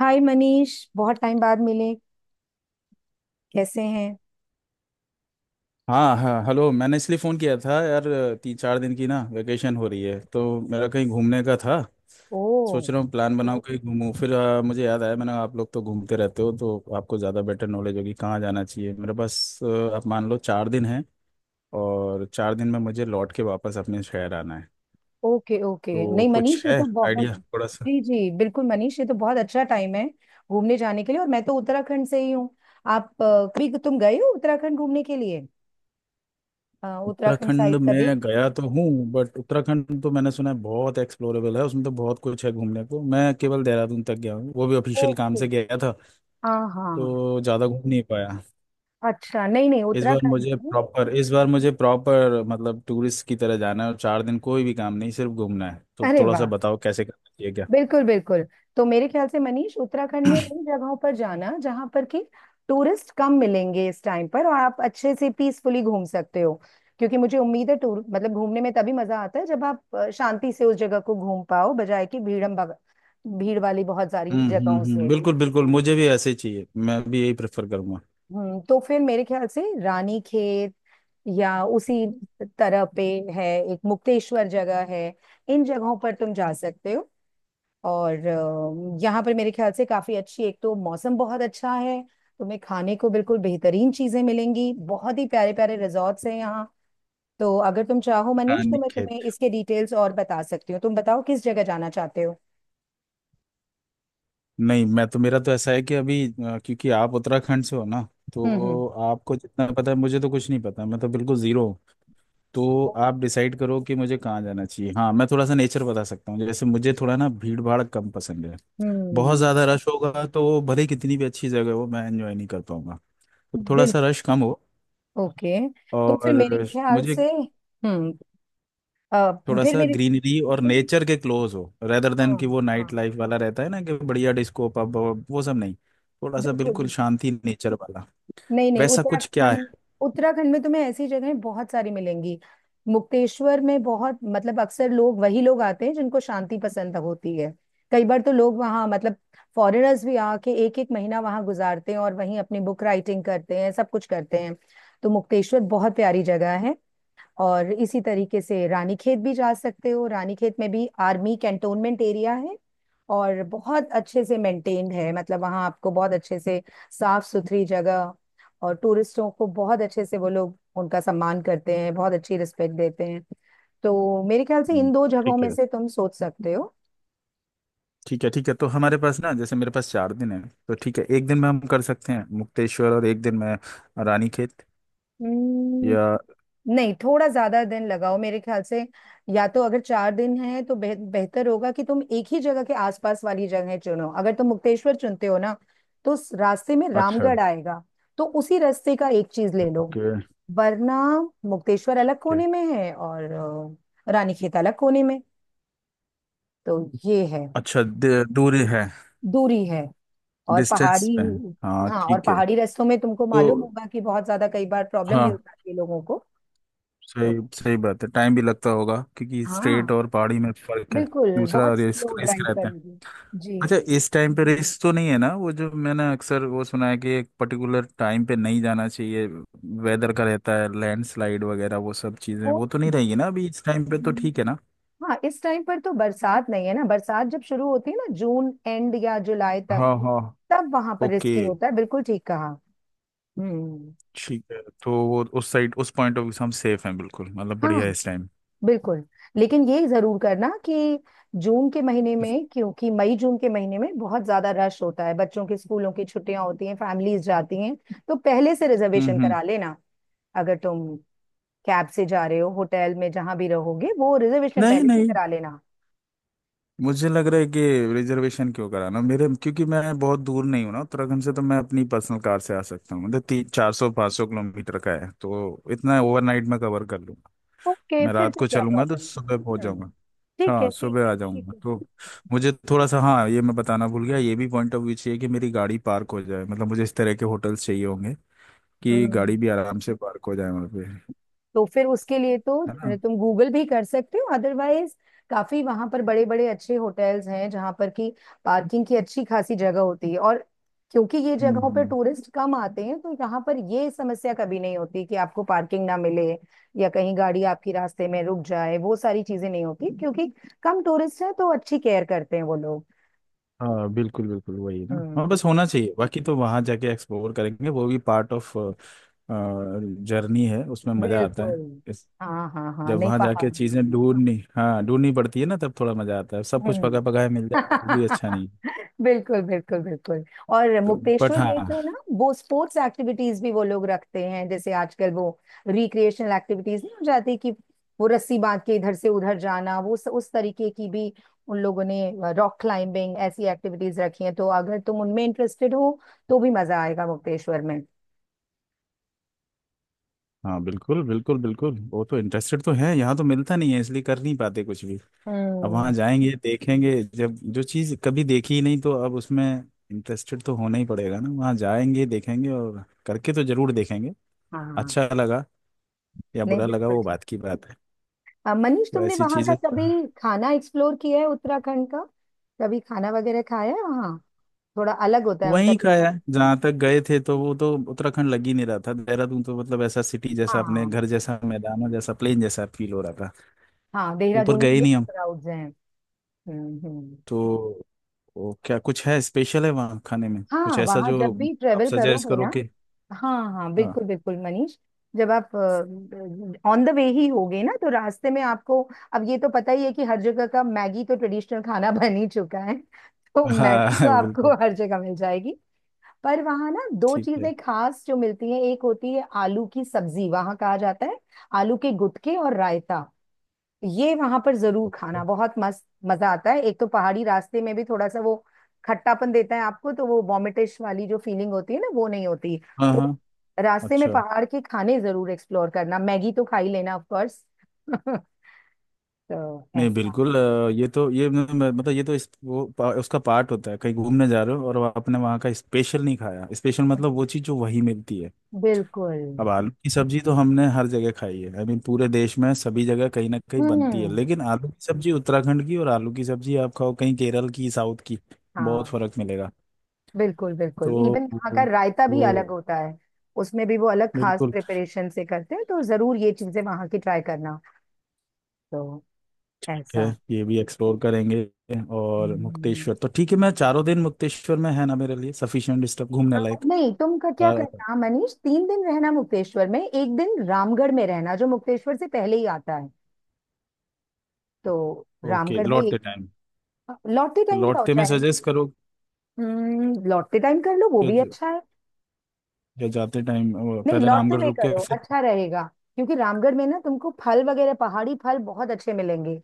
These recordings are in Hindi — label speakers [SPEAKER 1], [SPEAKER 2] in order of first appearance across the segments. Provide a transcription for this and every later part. [SPEAKER 1] हाय मनीष, बहुत टाइम बाद मिले। कैसे हैं?
[SPEAKER 2] हाँ हाँ, हेलो। मैंने इसलिए फ़ोन किया था यार, तीन चार दिन की ना वेकेशन हो रही है तो मेरा कहीं घूमने का था।
[SPEAKER 1] ओ,
[SPEAKER 2] सोच रहा हूँ प्लान बनाऊँ, कहीं घूमूँ। फिर मुझे याद आया, मैंने आप लोग तो घूमते रहते हो तो आपको ज़्यादा बेटर नॉलेज होगी कहाँ जाना चाहिए। मेरे पास आप मान लो 4 दिन हैं, और 4 दिन में मुझे लौट के वापस अपने शहर आना है।
[SPEAKER 1] ओके ओके,
[SPEAKER 2] तो
[SPEAKER 1] नहीं
[SPEAKER 2] कुछ
[SPEAKER 1] मनीष ये
[SPEAKER 2] है
[SPEAKER 1] तो बहुत।
[SPEAKER 2] आइडिया थोड़ा सा?
[SPEAKER 1] जी जी बिल्कुल मनीष, ये तो बहुत अच्छा टाइम है घूमने जाने के लिए। और मैं तो उत्तराखंड से ही हूँ। आप कभी तुम गए हो उत्तराखंड घूमने के लिए? उत्तराखंड
[SPEAKER 2] उत्तराखंड
[SPEAKER 1] साइड कभी?
[SPEAKER 2] में गया तो हूँ, बट उत्तराखंड तो मैंने सुना है बहुत एक्सप्लोरेबल है, उसमें तो बहुत कुछ है घूमने को। मैं केवल देहरादून तक गया हूँ, वो भी ऑफिशियल काम
[SPEAKER 1] ओके।
[SPEAKER 2] से गया था,
[SPEAKER 1] हाँ हाँ।
[SPEAKER 2] तो ज़्यादा घूम नहीं पाया।
[SPEAKER 1] अच्छा, नहीं नहीं
[SPEAKER 2] इस बार
[SPEAKER 1] उत्तराखंड
[SPEAKER 2] मुझे
[SPEAKER 1] में-
[SPEAKER 2] प्रॉपर इस बार मुझे प्रॉपर मतलब टूरिस्ट की तरह जाना है, और चार दिन कोई भी काम नहीं, सिर्फ घूमना है। तो
[SPEAKER 1] अरे
[SPEAKER 2] थोड़ा सा
[SPEAKER 1] वाह,
[SPEAKER 2] बताओ कैसे करना चाहिए क्या।
[SPEAKER 1] बिल्कुल बिल्कुल। तो मेरे ख्याल से मनीष, उत्तराखंड में उन जगहों पर जाना जहां पर कि टूरिस्ट कम मिलेंगे इस टाइम पर, और आप अच्छे से पीसफुली घूम सकते हो। क्योंकि मुझे उम्मीद है, टूर मतलब घूमने में तभी मजा आता है जब आप शांति से उस जगह को घूम पाओ, बजाय कि भीड़म भग भीड़ वाली बहुत सारी जगहों
[SPEAKER 2] हम्म,
[SPEAKER 1] से।
[SPEAKER 2] बिल्कुल बिल्कुल, मुझे भी ऐसे ही चाहिए, मैं भी यही प्रेफर करूंगा।
[SPEAKER 1] हम्म, तो फिर मेरे ख्याल से रानी खेत या उसी तरह पे है, एक मुक्तेश्वर जगह है। इन जगहों पर तुम जा सकते हो। और यहाँ पर मेरे ख्याल से काफी अच्छी, एक तो मौसम बहुत अच्छा है, तुम्हें खाने को बिल्कुल बेहतरीन चीजें मिलेंगी, बहुत ही प्यारे प्यारे रिजॉर्ट्स हैं यहाँ। तो अगर तुम चाहो मनीष तो
[SPEAKER 2] रानी
[SPEAKER 1] मैं
[SPEAKER 2] खेत?
[SPEAKER 1] तुम्हें इसके डिटेल्स और बता सकती हूँ। तुम बताओ किस जगह जाना चाहते हो।
[SPEAKER 2] नहीं, मैं तो, मेरा तो ऐसा है कि अभी क्योंकि आप उत्तराखंड से हो ना,
[SPEAKER 1] हम्म हम्म
[SPEAKER 2] तो आपको जितना पता है, मुझे तो कुछ नहीं पता, मैं तो बिल्कुल जीरो। तो आप डिसाइड करो कि मुझे कहाँ जाना चाहिए। हाँ, मैं थोड़ा सा नेचर बता सकता हूँ, जैसे मुझे थोड़ा ना भीड़ भाड़ कम पसंद है। बहुत
[SPEAKER 1] हम्म,
[SPEAKER 2] ज़्यादा रश होगा तो भले ही कितनी भी अच्छी जगह हो, मैं एंजॉय नहीं कर पाऊंगा। तो थोड़ा सा
[SPEAKER 1] बिल्कुल।
[SPEAKER 2] रश कम हो,
[SPEAKER 1] ओके, तो फिर मेरे
[SPEAKER 2] और
[SPEAKER 1] ख्याल
[SPEAKER 2] मुझे
[SPEAKER 1] से, हम्म, अ,
[SPEAKER 2] थोड़ा
[SPEAKER 1] फिर
[SPEAKER 2] सा
[SPEAKER 1] मेरे,
[SPEAKER 2] ग्रीनरी और नेचर के क्लोज हो, रेदर देन
[SPEAKER 1] हाँ
[SPEAKER 2] कि वो
[SPEAKER 1] हाँ
[SPEAKER 2] नाइट लाइफ वाला रहता है ना, कि बढ़िया डिस्को पब, वो सब नहीं। थोड़ा सा
[SPEAKER 1] बिल्कुल
[SPEAKER 2] बिल्कुल
[SPEAKER 1] बिल्कुल।
[SPEAKER 2] शांति नेचर वाला,
[SPEAKER 1] नहीं नहीं,
[SPEAKER 2] वैसा कुछ क्या
[SPEAKER 1] उत्तराखंड,
[SPEAKER 2] है?
[SPEAKER 1] उत्तराखंड में तुम्हें ऐसी जगहें बहुत सारी मिलेंगी। मुक्तेश्वर में बहुत, मतलब अक्सर लोग वही लोग आते हैं जिनको शांति पसंद होती है। कई बार तो लोग वहाँ मतलब फॉरेनर्स भी आके एक एक महीना वहाँ गुजारते हैं और वहीं अपनी बुक राइटिंग करते हैं, सब कुछ करते हैं। तो मुक्तेश्वर बहुत प्यारी जगह है। और इसी तरीके से रानीखेत भी जा सकते हो। रानीखेत में भी आर्मी कैंटोनमेंट एरिया है, और बहुत अच्छे से मेंटेन्ड है। मतलब वहाँ आपको बहुत अच्छे से साफ सुथरी जगह, और टूरिस्टों को बहुत अच्छे से वो लोग उनका सम्मान करते हैं, बहुत अच्छी रिस्पेक्ट देते हैं। तो मेरे ख्याल से
[SPEAKER 2] हम्म,
[SPEAKER 1] इन दो जगहों
[SPEAKER 2] ठीक
[SPEAKER 1] में
[SPEAKER 2] है,
[SPEAKER 1] से तुम सोच सकते
[SPEAKER 2] ठीक है। ठीक है, तो हमारे पास ना, जैसे मेरे पास 4 दिन है, तो ठीक है, एक दिन में हम कर सकते हैं मुक्तेश्वर और एक दिन में रानीखेत,
[SPEAKER 1] हो।
[SPEAKER 2] या?
[SPEAKER 1] नहीं, थोड़ा ज्यादा दिन लगाओ मेरे ख्याल से। या तो अगर चार दिन है तो बेहतर होगा कि तुम एक ही जगह के आसपास वाली जगह चुनो। अगर तुम मुक्तेश्वर चुनते हो ना, तो उस रास्ते में
[SPEAKER 2] अच्छा।
[SPEAKER 1] रामगढ़ आएगा। तो उसी रास्ते का एक चीज ले लो।
[SPEAKER 2] ओके।
[SPEAKER 1] वरना मुक्तेश्वर अलग
[SPEAKER 2] ओके।
[SPEAKER 1] कोने में है, और रानीखेत अलग कोने में। तो ये है।
[SPEAKER 2] अच्छा, दूरी है,
[SPEAKER 1] दूरी है और
[SPEAKER 2] डिस्टेंस
[SPEAKER 1] पहाड़ी।
[SPEAKER 2] पे है? हाँ,
[SPEAKER 1] हाँ, और
[SPEAKER 2] ठीक है।
[SPEAKER 1] पहाड़ी रास्तों में तुमको मालूम
[SPEAKER 2] तो
[SPEAKER 1] होगा कि बहुत ज्यादा कई बार प्रॉब्लम भी
[SPEAKER 2] हाँ,
[SPEAKER 1] हो जाती है लोगों को।
[SPEAKER 2] सही
[SPEAKER 1] तो
[SPEAKER 2] सही बात है, टाइम भी लगता होगा, क्योंकि स्ट्रेट
[SPEAKER 1] हाँ,
[SPEAKER 2] और पहाड़ी में फर्क है।
[SPEAKER 1] बिल्कुल
[SPEAKER 2] दूसरा
[SPEAKER 1] बहुत
[SPEAKER 2] रिस्क
[SPEAKER 1] स्लो
[SPEAKER 2] रिस्क
[SPEAKER 1] ड्राइव
[SPEAKER 2] रहता है।
[SPEAKER 1] करोगे। जी।
[SPEAKER 2] अच्छा, इस टाइम पे रिस्क तो नहीं है ना? वो जो मैंने अक्सर वो सुना है कि एक पर्टिकुलर टाइम पे नहीं जाना चाहिए, वेदर का रहता है, लैंडस्लाइड वगैरह वो सब चीजें,
[SPEAKER 1] वो,
[SPEAKER 2] वो तो नहीं रहेगी ना अभी इस टाइम पे? तो ठीक है ना।
[SPEAKER 1] हाँ इस टाइम पर तो बरसात नहीं है ना। बरसात जब शुरू होती है ना, जून एंड या जुलाई तक,
[SPEAKER 2] हाँ हाँ।
[SPEAKER 1] तब वहां पर
[SPEAKER 2] ओके,
[SPEAKER 1] रिस्की होता है, बिल्कुल ठीक कहा। हम्म।
[SPEAKER 2] ठीक है, तो वो उस साइड, उस पॉइंट ऑफ व्यू से हम सेफ हैं बिल्कुल, मतलब बढ़िया
[SPEAKER 1] हाँ,
[SPEAKER 2] है इस टाइम।
[SPEAKER 1] बिल्कुल। लेकिन ये जरूर करना कि जून के महीने में, क्योंकि मई जून के महीने में बहुत ज्यादा रश होता है, बच्चों के स्कूलों की छुट्टियां होती हैं, फैमिलीज जाती हैं, तो पहले से रिजर्वेशन
[SPEAKER 2] हम्म।
[SPEAKER 1] करा लेना। अगर तुम कैब से जा रहे हो, होटल में जहां भी रहोगे, वो रिजर्वेशन
[SPEAKER 2] नहीं
[SPEAKER 1] पहले से
[SPEAKER 2] नहीं,
[SPEAKER 1] करा लेना।
[SPEAKER 2] मुझे लग रहा है कि रिजर्वेशन क्यों कराना मेरे, क्योंकि मैं बहुत दूर नहीं हूँ ना उत्तराखंड से, तो मैं अपनी पर्सनल कार से आ सकता हूँ, मतलब तीन चार सौ पाँच सौ किलोमीटर का है, तो इतना ओवरनाइट में कवर कर लूँ।
[SPEAKER 1] ओके,
[SPEAKER 2] मैं
[SPEAKER 1] फिर
[SPEAKER 2] रात
[SPEAKER 1] तो
[SPEAKER 2] को
[SPEAKER 1] क्या
[SPEAKER 2] चलूंगा तो
[SPEAKER 1] प्रॉब्लम
[SPEAKER 2] सुबह पहुंच
[SPEAKER 1] है। हम्म।
[SPEAKER 2] जाऊंगा।
[SPEAKER 1] ठीक है
[SPEAKER 2] हाँ,
[SPEAKER 1] ठीक
[SPEAKER 2] सुबह आ
[SPEAKER 1] है ठीक
[SPEAKER 2] जाऊंगा
[SPEAKER 1] है।
[SPEAKER 2] तो। मुझे थोड़ा सा, हाँ, ये मैं बताना भूल गया, ये भी पॉइंट ऑफ व्यू चाहिए कि मेरी गाड़ी पार्क हो जाए, मतलब मुझे इस तरह के होटल्स चाहिए होंगे कि गाड़ी भी
[SPEAKER 1] हम्म,
[SPEAKER 2] आराम से पार्क हो जाए वहाँ पे, है
[SPEAKER 1] तो फिर उसके लिए तो
[SPEAKER 2] ना?
[SPEAKER 1] तुम गूगल भी कर सकते हो अदरवाइज। काफी वहां पर बड़े बड़े अच्छे होटल्स हैं जहां पर की पार्किंग की अच्छी खासी जगह होती है। और क्योंकि ये
[SPEAKER 2] हम्म
[SPEAKER 1] जगहों पर
[SPEAKER 2] हम्म।
[SPEAKER 1] टूरिस्ट कम आते हैं, तो यहाँ पर ये समस्या कभी नहीं होती कि आपको पार्किंग ना मिले या कहीं गाड़ी आपकी रास्ते में रुक जाए, वो सारी चीजें नहीं होती, क्योंकि कम टूरिस्ट हैं तो अच्छी केयर करते हैं वो लोग।
[SPEAKER 2] हाँ बिल्कुल बिल्कुल, वही ना,
[SPEAKER 1] हम्म
[SPEAKER 2] हाँ,
[SPEAKER 1] हम्म।
[SPEAKER 2] बस होना चाहिए, बाकी तो वहाँ जाके एक्सप्लोर करेंगे, वो भी पार्ट ऑफ जर्नी है, उसमें मज़ा आता
[SPEAKER 1] बिल्कुल।
[SPEAKER 2] है। इस
[SPEAKER 1] हाँ हाँ हाँ,
[SPEAKER 2] जब
[SPEAKER 1] नहीं
[SPEAKER 2] वहाँ जाके
[SPEAKER 1] पहाड़।
[SPEAKER 2] चीज़ें ढूंढनी, हाँ, ढूंढनी पड़ती है ना, तब थोड़ा मज़ा आता है। सब कुछ
[SPEAKER 1] हम्म।
[SPEAKER 2] पका पकाया मिल जाए वो भी अच्छा नहीं।
[SPEAKER 1] बिल्कुल बिल्कुल बिल्कुल। और
[SPEAKER 2] तो बट
[SPEAKER 1] मुक्तेश्वर में
[SPEAKER 2] हाँ।
[SPEAKER 1] तो ना, वो स्पोर्ट्स एक्टिविटीज भी वो लोग रखते हैं, जैसे आजकल वो रिक्रिएशनल एक्टिविटीज नहीं हो जाती कि वो रस्सी बांध के इधर से उधर जाना, वो उस तरीके की भी उन लोगों ने रॉक क्लाइंबिंग ऐसी एक्टिविटीज रखी हैं। तो अगर तुम उनमें इंटरेस्टेड हो तो भी मजा आएगा मुक्तेश्वर में।
[SPEAKER 2] हाँ बिल्कुल बिल्कुल बिल्कुल, वो तो इंटरेस्टेड तो है, यहाँ तो मिलता नहीं है, इसलिए कर नहीं पाते कुछ भी। अब वहाँ
[SPEAKER 1] हम्म।
[SPEAKER 2] जाएंगे देखेंगे, जब जो चीज़ कभी देखी ही नहीं, तो अब उसमें इंटरेस्टेड तो होना ही पड़ेगा ना, वहाँ जाएंगे देखेंगे और करके तो जरूर देखेंगे।
[SPEAKER 1] हाँ,
[SPEAKER 2] अच्छा लगा या
[SPEAKER 1] नहीं
[SPEAKER 2] बुरा लगा,
[SPEAKER 1] बिल्कुल
[SPEAKER 2] वो
[SPEAKER 1] ठीक
[SPEAKER 2] बात की बात है।
[SPEAKER 1] है। मनीष,
[SPEAKER 2] तो
[SPEAKER 1] तुमने
[SPEAKER 2] ऐसी
[SPEAKER 1] वहां का
[SPEAKER 2] चीज़ें।
[SPEAKER 1] कभी खाना एक्सप्लोर किया है उत्तराखंड का? कभी खाना वगैरह खाया है वहाँ? थोड़ा अलग होता है उनका
[SPEAKER 2] वहीं का है
[SPEAKER 1] ट्रेडिशन।
[SPEAKER 2] जहाँ तक गए थे, तो वो तो उत्तराखंड लग ही नहीं रहा था, देहरादून तो मतलब ऐसा सिटी जैसा, अपने
[SPEAKER 1] हाँ
[SPEAKER 2] घर जैसा, मैदानों जैसा, प्लेन जैसा फील हो रहा था।
[SPEAKER 1] हाँ,
[SPEAKER 2] ऊपर
[SPEAKER 1] देहरादून
[SPEAKER 2] गए
[SPEAKER 1] में
[SPEAKER 2] ही
[SPEAKER 1] मिक्स
[SPEAKER 2] नहीं हम।
[SPEAKER 1] क्राउड्स हैं। हम्म।
[SPEAKER 2] तो वो क्या कुछ है, स्पेशल है वहाँ खाने में कुछ
[SPEAKER 1] हाँ
[SPEAKER 2] ऐसा
[SPEAKER 1] वहाँ
[SPEAKER 2] जो
[SPEAKER 1] जब भी
[SPEAKER 2] आप
[SPEAKER 1] ट्रेवल
[SPEAKER 2] सजेस्ट
[SPEAKER 1] करोगे
[SPEAKER 2] करो
[SPEAKER 1] ना,
[SPEAKER 2] कि?
[SPEAKER 1] हाँ हाँ
[SPEAKER 2] हाँ
[SPEAKER 1] बिल्कुल बिल्कुल मनीष, जब आप ऑन द वे ही होगे ना तो रास्ते में आपको, अब ये तो पता ही है कि हर जगह का मैगी तो ट्रेडिशनल खाना बन ही चुका है, तो मैगी तो
[SPEAKER 2] हाँ
[SPEAKER 1] आपको
[SPEAKER 2] बिल्कुल,
[SPEAKER 1] हर जगह मिल जाएगी। पर वहाँ ना दो
[SPEAKER 2] ठीक
[SPEAKER 1] चीजें
[SPEAKER 2] है।
[SPEAKER 1] खास जो मिलती हैं, एक होती है आलू की सब्जी, वहाँ कहा जाता है आलू के गुटके, और रायता। ये वहां पर जरूर खाना,
[SPEAKER 2] Okay.
[SPEAKER 1] बहुत मस्त मजा आता है। एक तो पहाड़ी रास्ते में भी थोड़ा सा वो खट्टापन देता है आपको, तो वो वॉमिटिश वाली जो फीलिंग होती है ना, वो नहीं होती।
[SPEAKER 2] हाँ
[SPEAKER 1] तो
[SPEAKER 2] हाँ,
[SPEAKER 1] रास्ते में
[SPEAKER 2] अच्छा,
[SPEAKER 1] पहाड़ के खाने जरूर एक्सप्लोर करना, मैगी तो खा ही लेना ऑफ कोर्स। तो
[SPEAKER 2] नहीं
[SPEAKER 1] ऐसा।
[SPEAKER 2] बिल्कुल, ये तो, ये मतलब ये तो इस वो उसका पार्ट होता है कहीं घूमने जा रहे हो, और आपने वहाँ का स्पेशल नहीं खाया। स्पेशल मतलब वो चीज़ जो वहीं मिलती है।
[SPEAKER 1] बिल्कुल।
[SPEAKER 2] अब आलू की सब्जी तो हमने हर जगह खाई है, आई मीन पूरे देश में सभी जगह कहीं ना कहीं बनती है,
[SPEAKER 1] हम्म।
[SPEAKER 2] लेकिन आलू की सब्जी उत्तराखंड की और आलू की सब्जी आप खाओ कहीं केरल की, साउथ की, बहुत
[SPEAKER 1] हाँ
[SPEAKER 2] फर्क मिलेगा।
[SPEAKER 1] बिल्कुल
[SPEAKER 2] तो
[SPEAKER 1] बिल्कुल, इवन यहाँ का
[SPEAKER 2] वो,
[SPEAKER 1] रायता भी अलग
[SPEAKER 2] वो
[SPEAKER 1] होता है। उसमें भी वो अलग खास
[SPEAKER 2] बिल्कुल ठीक
[SPEAKER 1] प्रिपरेशन से करते हैं, तो जरूर ये चीजें वहां की ट्राई करना। तो
[SPEAKER 2] है।
[SPEAKER 1] ऐसा।
[SPEAKER 2] ये भी एक्सप्लोर करेंगे। और
[SPEAKER 1] हम्म,
[SPEAKER 2] मुक्तेश्वर तो ठीक है, मैं चारों दिन मुक्तेश्वर में, है ना, मेरे लिए सफिशिएंट डिस्टर्ब घूमने लायक?
[SPEAKER 1] नहीं तुम का क्या करना मनीष, तीन दिन रहना मुक्तेश्वर में, एक दिन रामगढ़ में रहना जो मुक्तेश्वर से पहले ही आता है। तो
[SPEAKER 2] ओके,
[SPEAKER 1] रामगढ़ में
[SPEAKER 2] लौटते
[SPEAKER 1] एक
[SPEAKER 2] टाइम।
[SPEAKER 1] दिन लौटते
[SPEAKER 2] तो
[SPEAKER 1] टाइम जाओ
[SPEAKER 2] लौटते में
[SPEAKER 1] चाहे।
[SPEAKER 2] सजेस्ट करो,
[SPEAKER 1] लौटते टाइम कर लो, वो
[SPEAKER 2] जो,
[SPEAKER 1] भी
[SPEAKER 2] जो
[SPEAKER 1] अच्छा है।
[SPEAKER 2] जो जाते टाइम
[SPEAKER 1] नहीं,
[SPEAKER 2] पहले
[SPEAKER 1] लौटते
[SPEAKER 2] रामगढ़
[SPEAKER 1] हुए
[SPEAKER 2] रुक के
[SPEAKER 1] करो
[SPEAKER 2] फिर।
[SPEAKER 1] अच्छा रहेगा, क्योंकि रामगढ़ में ना तुमको फल वगैरह पहाड़ी फल बहुत अच्छे मिलेंगे।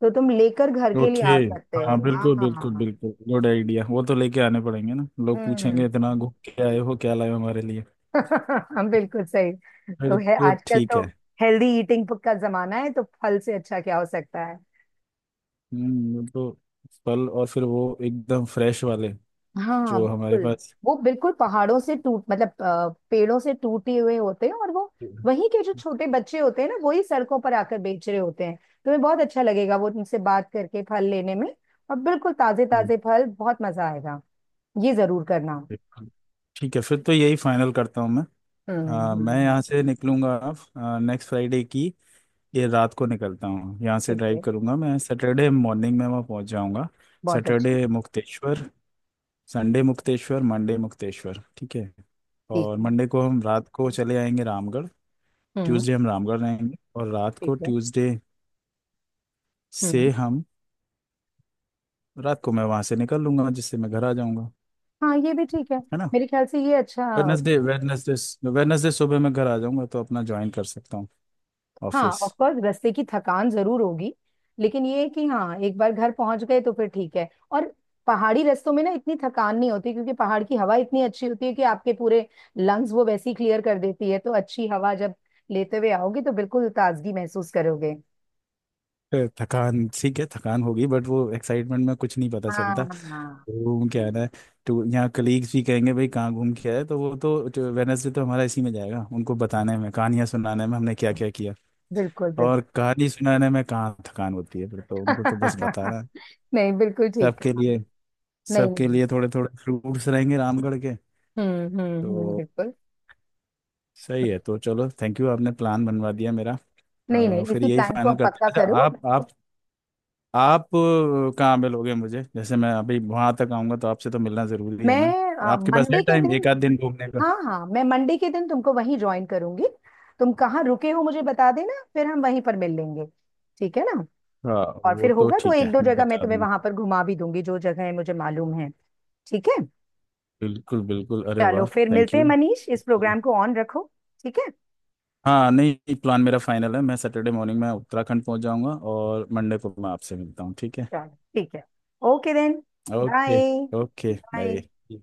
[SPEAKER 1] तो तुम लेकर घर के लिए
[SPEAKER 2] ओके।
[SPEAKER 1] आ सकते हो।
[SPEAKER 2] हाँ
[SPEAKER 1] हाँ
[SPEAKER 2] बिल्कुल
[SPEAKER 1] हाँ हाँ
[SPEAKER 2] बिल्कुल
[SPEAKER 1] हाँ।
[SPEAKER 2] बिल्कुल, गुड आइडिया। वो तो लेके आने पड़ेंगे ना, लोग
[SPEAKER 1] हम्म।
[SPEAKER 2] पूछेंगे इतना घूम के आए हो, क्या लाए हो हमारे लिए।
[SPEAKER 1] बिल्कुल सही।
[SPEAKER 2] फिर
[SPEAKER 1] तो है
[SPEAKER 2] तो
[SPEAKER 1] आजकल
[SPEAKER 2] ठीक
[SPEAKER 1] तो
[SPEAKER 2] है।
[SPEAKER 1] हेल्दी ईटिंग का जमाना है, तो फल से अच्छा क्या हो सकता है।
[SPEAKER 2] वो तो, फल, और फिर वो एकदम फ्रेश वाले
[SPEAKER 1] हाँ
[SPEAKER 2] जो हमारे
[SPEAKER 1] बिल्कुल।
[SPEAKER 2] पास।
[SPEAKER 1] वो बिल्कुल पहाड़ों से टूट, मतलब पेड़ों से टूटे हुए होते हैं, और वो
[SPEAKER 2] हम्म,
[SPEAKER 1] वहीं के जो छोटे बच्चे होते हैं ना, वही सड़कों पर आकर बेच रहे होते हैं। तुम्हें बहुत अच्छा लगेगा वो तुमसे बात करके फल लेने में। और बिल्कुल ताजे ताजे फल, बहुत मजा आएगा। ये जरूर करना।
[SPEAKER 2] ठीक है, फिर तो यही फाइनल करता हूँ मैं।
[SPEAKER 1] हम्म हम्म
[SPEAKER 2] मैं
[SPEAKER 1] हम्म,
[SPEAKER 2] यहाँ से निकलूंगा नेक्स्ट फ्राइडे की ये रात को, निकलता हूँ यहाँ से,
[SPEAKER 1] ठीक
[SPEAKER 2] ड्राइव
[SPEAKER 1] है।
[SPEAKER 2] करूंगा, मैं सैटरडे मॉर्निंग में वहाँ पहुँच जाऊँगा।
[SPEAKER 1] बहुत अच्छे।
[SPEAKER 2] Saturday Mukteshwar, Sunday Mukteshwar, Monday Mukteshwar, ठीक है।
[SPEAKER 1] ठीक
[SPEAKER 2] और
[SPEAKER 1] है।
[SPEAKER 2] मंडे को हम रात को चले आएंगे रामगढ़।
[SPEAKER 1] हम्म।
[SPEAKER 2] ट्यूसडे हम रामगढ़ रहेंगे, और रात को
[SPEAKER 1] ठीक है।
[SPEAKER 2] ट्यूसडे से
[SPEAKER 1] हम्म।
[SPEAKER 2] हम, रात को मैं वहाँ से निकल लूंगा जिससे मैं घर आ जाऊँगा,
[SPEAKER 1] हाँ ये भी ठीक है,
[SPEAKER 2] है ना?
[SPEAKER 1] मेरे ख्याल से ये अच्छा।
[SPEAKER 2] वेडनेसडे वेडनेसडे वेडनेसडे सुबह मैं घर आ जाऊंगा तो अपना ज्वाइन कर सकता हूँ
[SPEAKER 1] हाँ
[SPEAKER 2] ऑफिस।
[SPEAKER 1] ऑफ कोर्स रास्ते की थकान जरूर होगी, लेकिन ये है कि हाँ एक बार घर पहुंच गए तो फिर ठीक है। और पहाड़ी रास्तों में ना इतनी थकान नहीं होती, क्योंकि पहाड़ की हवा इतनी अच्छी होती है कि आपके पूरे लंग्स वो वैसी क्लियर कर देती है। तो अच्छी हवा जब लेते हुए आओगे तो बिल्कुल ताजगी महसूस करोगे।
[SPEAKER 2] थकान ठीक है, थकान होगी, बट वो एक्साइटमेंट में कुछ नहीं पता
[SPEAKER 1] हाँ
[SPEAKER 2] चलता।
[SPEAKER 1] हाँ
[SPEAKER 2] घूम के आना है, तो यहाँ कलीग्स भी कहेंगे भाई कहाँ घूम के आए, तो वो तो, वेडनेसडे तो हमारा इसी में जाएगा उनको बताने में, कहानियाँ सुनाने में हमने क्या क्या किया।
[SPEAKER 1] बिल्कुल बिल्कुल।
[SPEAKER 2] और कहानी सुनाने में कहाँ थकान होती है, फिर तो उनको तो बस बताना है।
[SPEAKER 1] नहीं बिल्कुल ठीक
[SPEAKER 2] सबके
[SPEAKER 1] है।
[SPEAKER 2] लिए,
[SPEAKER 1] नहीं
[SPEAKER 2] सबके
[SPEAKER 1] नहीं।
[SPEAKER 2] लिए थोड़े थोड़े फ्रूट्स रहेंगे रामगढ़ के। तो
[SPEAKER 1] बिल्कुल।
[SPEAKER 2] सही है, तो चलो थैंक यू, आपने प्लान बनवा दिया मेरा।
[SPEAKER 1] नहीं नहीं,
[SPEAKER 2] फिर
[SPEAKER 1] इसी
[SPEAKER 2] यही
[SPEAKER 1] प्लान को
[SPEAKER 2] फाइनल
[SPEAKER 1] आप
[SPEAKER 2] करते हैं।
[SPEAKER 1] पक्का
[SPEAKER 2] अच्छा,
[SPEAKER 1] करो।
[SPEAKER 2] आप कहाँ मिलोगे मुझे, जैसे मैं अभी वहां तक आऊंगा तो आपसे तो मिलना जरूरी है ना?
[SPEAKER 1] मैं
[SPEAKER 2] आपके पास है
[SPEAKER 1] मंडे के
[SPEAKER 2] टाइम एक
[SPEAKER 1] दिन,
[SPEAKER 2] आध दिन घूमने का?
[SPEAKER 1] हाँ हाँ, मैं मंडे के दिन तुमको वहीं ज्वाइन करूंगी। तुम कहाँ रुके हो मुझे बता देना, फिर हम वहीं पर मिल लेंगे। ठीक है ना?
[SPEAKER 2] हाँ
[SPEAKER 1] और
[SPEAKER 2] वो
[SPEAKER 1] फिर
[SPEAKER 2] तो
[SPEAKER 1] होगा तो
[SPEAKER 2] ठीक
[SPEAKER 1] एक
[SPEAKER 2] है,
[SPEAKER 1] दो
[SPEAKER 2] मैं
[SPEAKER 1] जगह मैं
[SPEAKER 2] बता
[SPEAKER 1] तुम्हें
[SPEAKER 2] दूंगा।
[SPEAKER 1] वहां पर घुमा भी दूंगी, जो जगह मुझे मालूम है। ठीक है।
[SPEAKER 2] बिल्कुल बिल्कुल, अरे
[SPEAKER 1] चलो
[SPEAKER 2] वाह,
[SPEAKER 1] फिर
[SPEAKER 2] थैंक
[SPEAKER 1] मिलते हैं
[SPEAKER 2] यू।
[SPEAKER 1] मनीष, इस
[SPEAKER 2] उसके लिए-
[SPEAKER 1] प्रोग्राम को ऑन रखो। ठीक है।
[SPEAKER 2] हाँ, नहीं, प्लान मेरा फाइनल है, मैं सैटरडे मॉर्निंग में उत्तराखंड पहुंच जाऊंगा, और मंडे को मैं आपसे मिलता हूँ, ठीक है?
[SPEAKER 1] चलो ठीक है। Okay then.
[SPEAKER 2] Okay,
[SPEAKER 1] bye.
[SPEAKER 2] Okay,
[SPEAKER 1] bye.
[SPEAKER 2] Bye.